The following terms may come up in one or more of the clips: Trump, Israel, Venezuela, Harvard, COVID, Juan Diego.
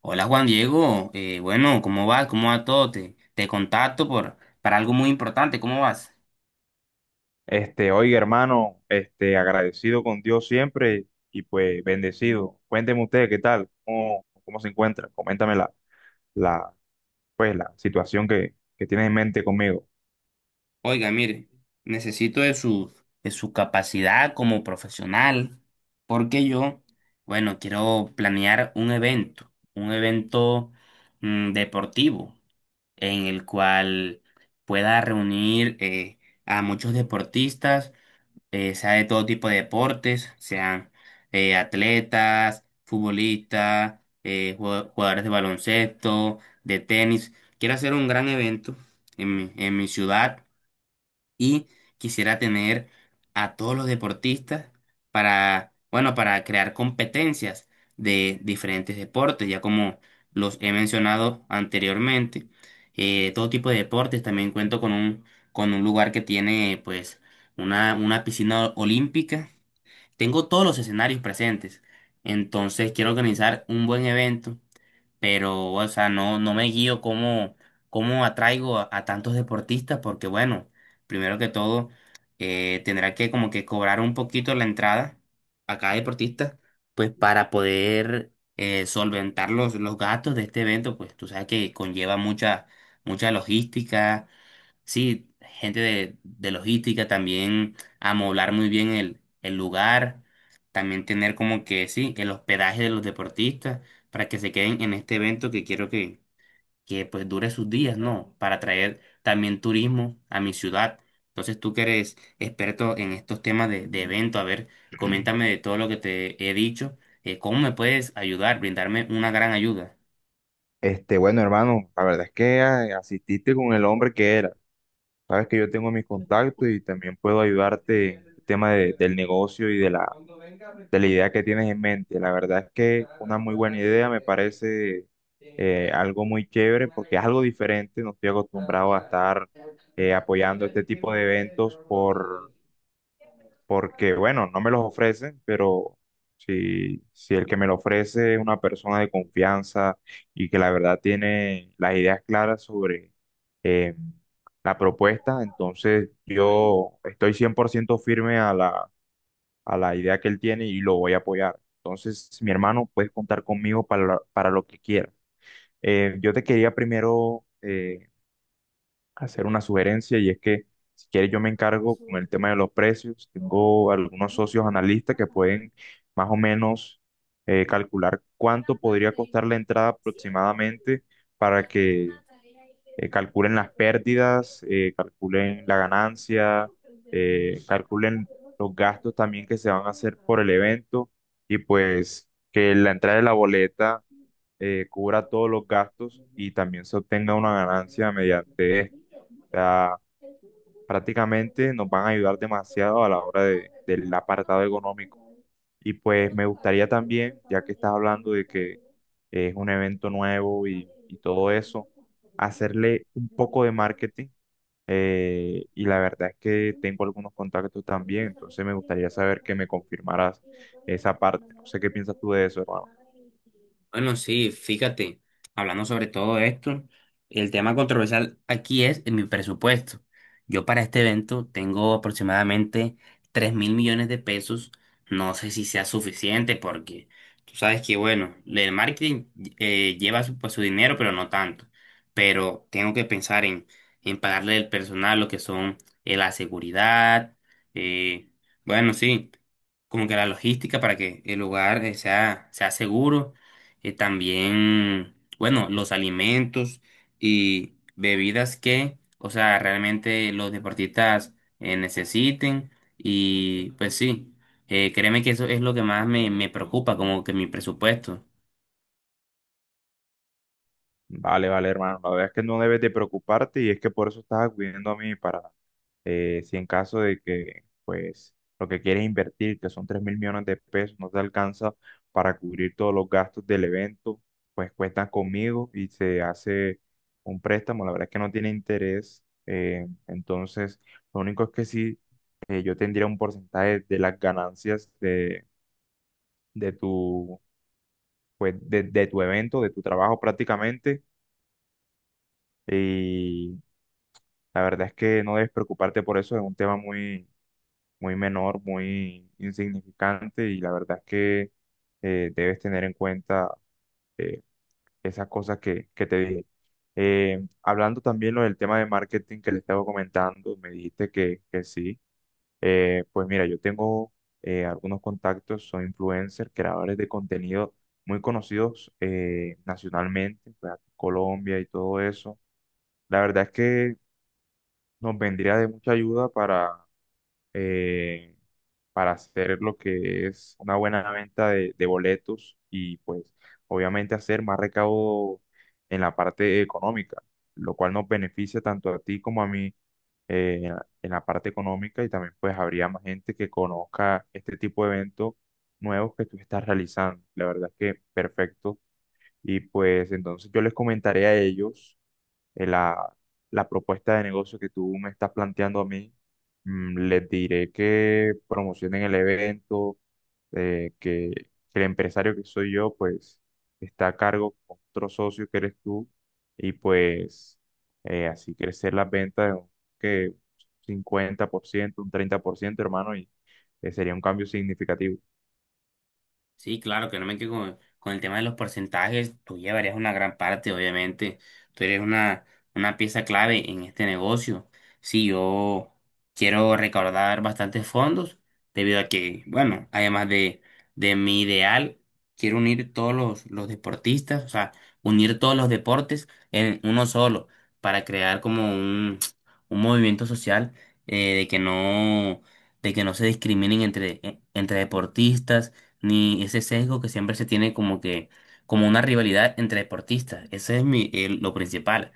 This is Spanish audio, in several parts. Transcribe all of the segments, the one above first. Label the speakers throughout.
Speaker 1: Hola Juan Diego, bueno, ¿cómo vas? ¿Cómo va todo? Te contacto para algo muy importante, ¿cómo vas?
Speaker 2: Oiga, hermano, agradecido con Dios siempre y pues bendecido. Cuénteme usted qué tal, cómo se encuentra. Coméntame la, la situación que tienes en mente conmigo.
Speaker 1: Oiga, mire, necesito de su capacidad como profesional, porque yo, bueno, quiero planear un evento deportivo, en el cual pueda reunir a muchos deportistas, sea de todo tipo de deportes, sean atletas, futbolistas, jugadores de baloncesto, de tenis. Quiero hacer un gran evento en mi ciudad y quisiera tener a todos los deportistas para, bueno, para crear competencias de diferentes deportes, ya como los he mencionado anteriormente. Todo tipo de deportes, también cuento con un lugar que tiene pues una piscina olímpica, tengo todos los escenarios presentes, entonces quiero organizar un buen evento, pero, o sea, no me guío cómo, cómo atraigo a tantos deportistas, porque bueno, primero que todo, tendrá que como que cobrar un poquito la entrada a cada deportista, pues para poder solventar los gastos de este evento. Pues tú sabes que conlleva mucha, mucha logística. Sí, gente de logística también, amoblar muy bien el lugar, también tener como que, sí, el hospedaje de los deportistas para que se queden en este evento, que quiero que pues dure sus días, ¿no? Para traer también turismo a mi ciudad. Entonces tú que eres experto en estos temas de
Speaker 2: Ujú.
Speaker 1: evento, a ver, coméntame de todo lo que te he dicho. ¿Cómo me puedes ayudar, brindarme una gran ayuda?
Speaker 2: Bueno, hermano, la verdad es que asististe con el hombre que era. Sabes que yo tengo mis contactos y también puedo ayudarte en el tema del negocio y de la idea que tienes en mente. La verdad es que una muy buena idea me parece, algo muy chévere porque es algo diferente. No estoy acostumbrado a estar apoyando este tipo de eventos porque, bueno, no me los ofrecen, pero si el que me lo ofrece es una persona de confianza y que la verdad tiene las ideas claras sobre... eh, la propuesta. Entonces yo estoy 100% firme a la idea que él tiene y lo voy a apoyar. Entonces, mi hermano, puedes contar conmigo para lo que quieras. Yo te quería primero hacer una sugerencia, y es que si quieres yo me encargo con el tema de los precios. Tengo algunos socios analistas que pueden más o menos calcular cuánto podría costar la entrada aproximadamente para que calculen las pérdidas, calculen la ganancia, calculen los gastos también que se van a hacer por el evento, y pues que la entrada de la boleta cubra todos los gastos y también se obtenga una ganancia mediante esto. O sea, prácticamente nos van a ayudar demasiado a la hora del apartado económico. Y pues me gustaría también, ya que estás hablando de que es un evento nuevo y todo eso, hacerle un poco de marketing, y la verdad es que tengo algunos contactos también. Entonces me gustaría saber que me confirmaras esa parte. No sé qué piensas tú de eso, hermano.
Speaker 1: Bueno, sí, fíjate, hablando sobre todo esto, el tema controversial aquí es en mi presupuesto. Yo para este evento tengo aproximadamente 3.000 millones de pesos. No sé si sea suficiente porque tú sabes que, bueno, el marketing lleva pues, su dinero, pero no tanto. Pero tengo que pensar en pagarle el personal, lo que son, la seguridad. eh, bueno, sí, como que la logística para que el lugar, sea seguro. También, bueno, los alimentos y bebidas que, o sea, realmente los deportistas necesiten. Y pues sí, créeme que eso es lo que más me preocupa, como que mi presupuesto.
Speaker 2: Vale, vale, hermano. La verdad es que no debes de preocuparte, y es que por eso estás acudiendo a mí si en caso de que, pues, lo que quieres invertir, que son 3 mil millones de pesos, no te alcanza para cubrir todos los gastos del evento, pues cuentas conmigo y se hace un préstamo. La verdad es que no tiene interés. Entonces, lo único es que sí, yo tendría un porcentaje de las ganancias de tu, de tu evento, de tu trabajo prácticamente. Y La verdad es que no debes preocuparte por eso, es un tema muy, muy menor, muy insignificante, y la verdad es que debes tener en cuenta, eh, esas cosas que te dije. Hablando también lo del tema de marketing que le estaba comentando, me dijiste que sí. Pues mira, yo tengo algunos contactos, soy influencer, creadores de contenido muy conocidos nacionalmente, pues, aquí en Colombia y todo eso. La verdad es que nos vendría de mucha ayuda eh, para hacer lo que es una buena venta de boletos, y pues obviamente hacer más recaudo en la parte económica, lo cual nos beneficia tanto a ti como a mí, en la parte económica, y también pues habría más gente que conozca este tipo de eventos nuevos que tú estás realizando. La verdad es que perfecto. Y pues entonces yo les comentaré a ellos, eh, la, la propuesta de negocio que tú me estás planteando a mí. Les diré que promocionen el evento, eh, que, que el empresario que soy yo, pues, está a cargo con otro socio que eres tú, y pues así crecer las ventas de un que 50%, un 30%, hermano, y sería un cambio significativo.
Speaker 1: Sí, claro, que no me quedo con el tema de los porcentajes, tú llevarías una gran parte, obviamente, tú eres una pieza clave en este negocio. Sí, yo quiero recaudar bastantes fondos, debido a que, bueno, además de mi ideal, quiero unir todos los deportistas, o sea, unir todos los deportes en uno solo, para crear como un movimiento social, eh, de que no, de que no, se discriminen entre deportistas, ni ese sesgo que siempre se tiene como que, como una rivalidad entre deportistas. Ese es lo principal.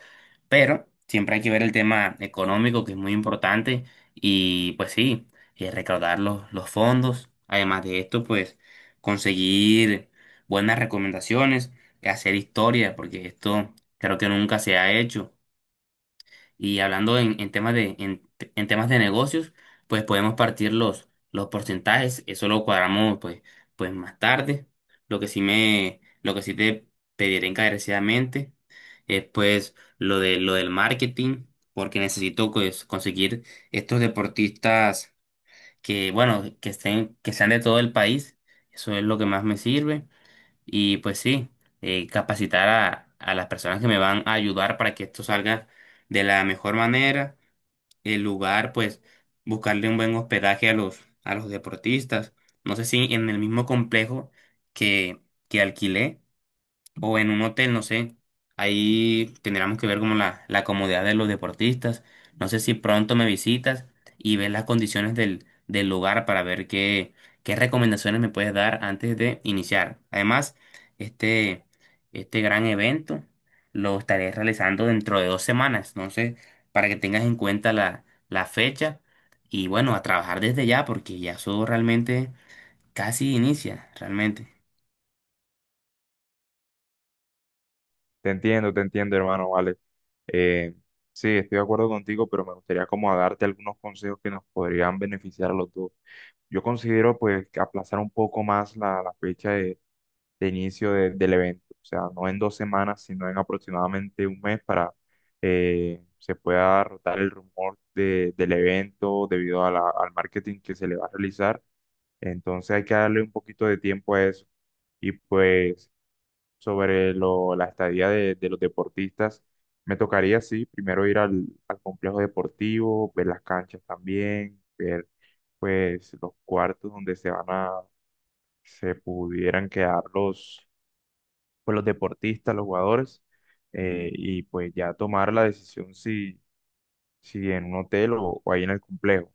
Speaker 1: Pero siempre hay que ver el tema económico, que es muy importante, y pues sí, recaudar los fondos. Además de esto, pues conseguir buenas recomendaciones, hacer historia, porque esto creo que nunca se ha hecho. Y hablando en temas de negocios, pues podemos partir los porcentajes, eso lo cuadramos pues más tarde. Lo que sí te pediré encarecidamente es pues lo del marketing, porque necesito pues conseguir estos deportistas que, bueno, que estén, que sean de todo el país. Eso es lo que más me sirve. Y pues sí, capacitar a las personas que me van a ayudar para que esto salga de la mejor manera. El lugar, pues, buscarle un buen hospedaje a los deportistas. No sé si en el mismo complejo que, que alquilé o en un hotel, no sé. Ahí tendríamos que ver como la comodidad de los deportistas. No sé si pronto me visitas y ves las condiciones del lugar para ver qué recomendaciones me puedes dar antes de iniciar. Además, este, este gran evento lo estaré realizando dentro de 2 semanas. Entonces, para que tengas en cuenta la fecha, y bueno, a trabajar desde ya, porque ya eso realmente casi inicia, realmente.
Speaker 2: Te entiendo, hermano, vale. Eh, sí, estoy de acuerdo contigo, pero me gustaría como a darte algunos consejos que nos podrían beneficiar a los dos. Yo considero pues que aplazar un poco más la fecha de inicio del evento, o sea, no en 2 semanas, sino en aproximadamente un mes, para se pueda rotar el rumor del evento debido a al marketing que se le va a realizar. Entonces hay que darle un poquito de tiempo a eso. Y pues sobre la estadía de los deportistas, me tocaría, sí, primero ir al complejo deportivo, ver las canchas también, ver pues los cuartos donde se pudieran quedar los deportistas, los jugadores, y pues ya tomar la decisión si, si en un hotel o ahí en el complejo.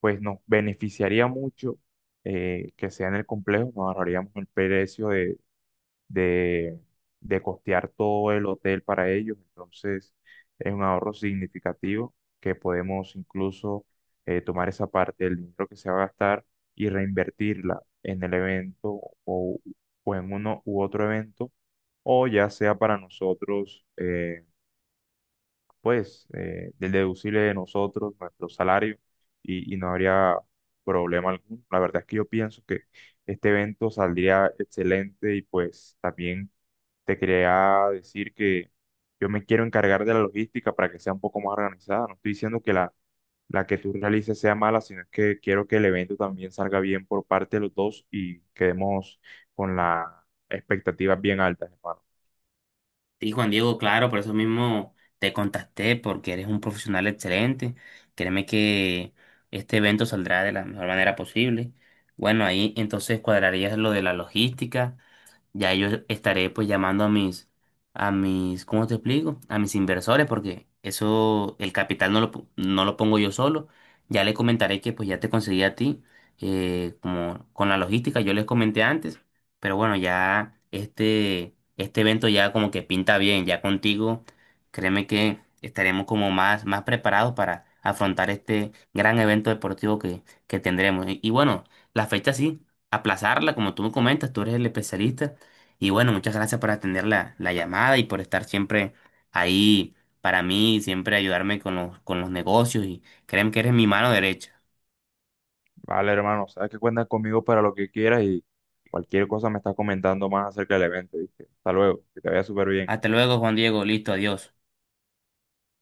Speaker 2: Pues nos beneficiaría mucho que sea en el complejo, nos ahorraríamos el precio de, de costear todo el hotel para ellos. Entonces, es un ahorro significativo que podemos incluso tomar esa parte del dinero que se va a gastar y reinvertirla en el evento, o en uno u otro evento, o ya sea para nosotros, del deducible de nosotros, nuestro salario, y no habría problema alguno. La verdad es que yo pienso que este evento saldría excelente, y pues también te quería decir que yo me quiero encargar de la logística para que sea un poco más organizada. No estoy diciendo que la que tú realices sea mala, sino es que quiero que el evento también salga bien por parte de los dos y quedemos con las expectativas bien altas, hermano.
Speaker 1: Sí, Juan Diego, claro, por eso mismo te contacté, porque eres un profesional excelente. Créeme que este evento saldrá de la mejor manera posible. Bueno, ahí entonces cuadrarías lo de la logística. Ya yo estaré pues llamando a mis, ¿cómo te explico? A mis inversores, porque eso, el capital no lo pongo yo solo. Ya le comentaré que pues ya te conseguí a ti, como con la logística, yo les comenté antes, pero bueno, ya este evento ya como que pinta bien, ya contigo. Créeme que estaremos como más, más preparados para afrontar este gran evento deportivo que tendremos. Y bueno, la fecha sí aplazarla, como tú me comentas, tú eres el especialista. Y bueno, muchas gracias por atender la llamada y por estar siempre ahí para mí, siempre ayudarme con los negocios, y créeme que eres mi mano derecha.
Speaker 2: Vale, hermano, sabes que cuentas conmigo para lo que quieras, y cualquier cosa me estás comentando más acerca del evento, ¿viste? Hasta luego, que te vaya súper bien.
Speaker 1: Hasta luego, Juan Diego. Listo, adiós.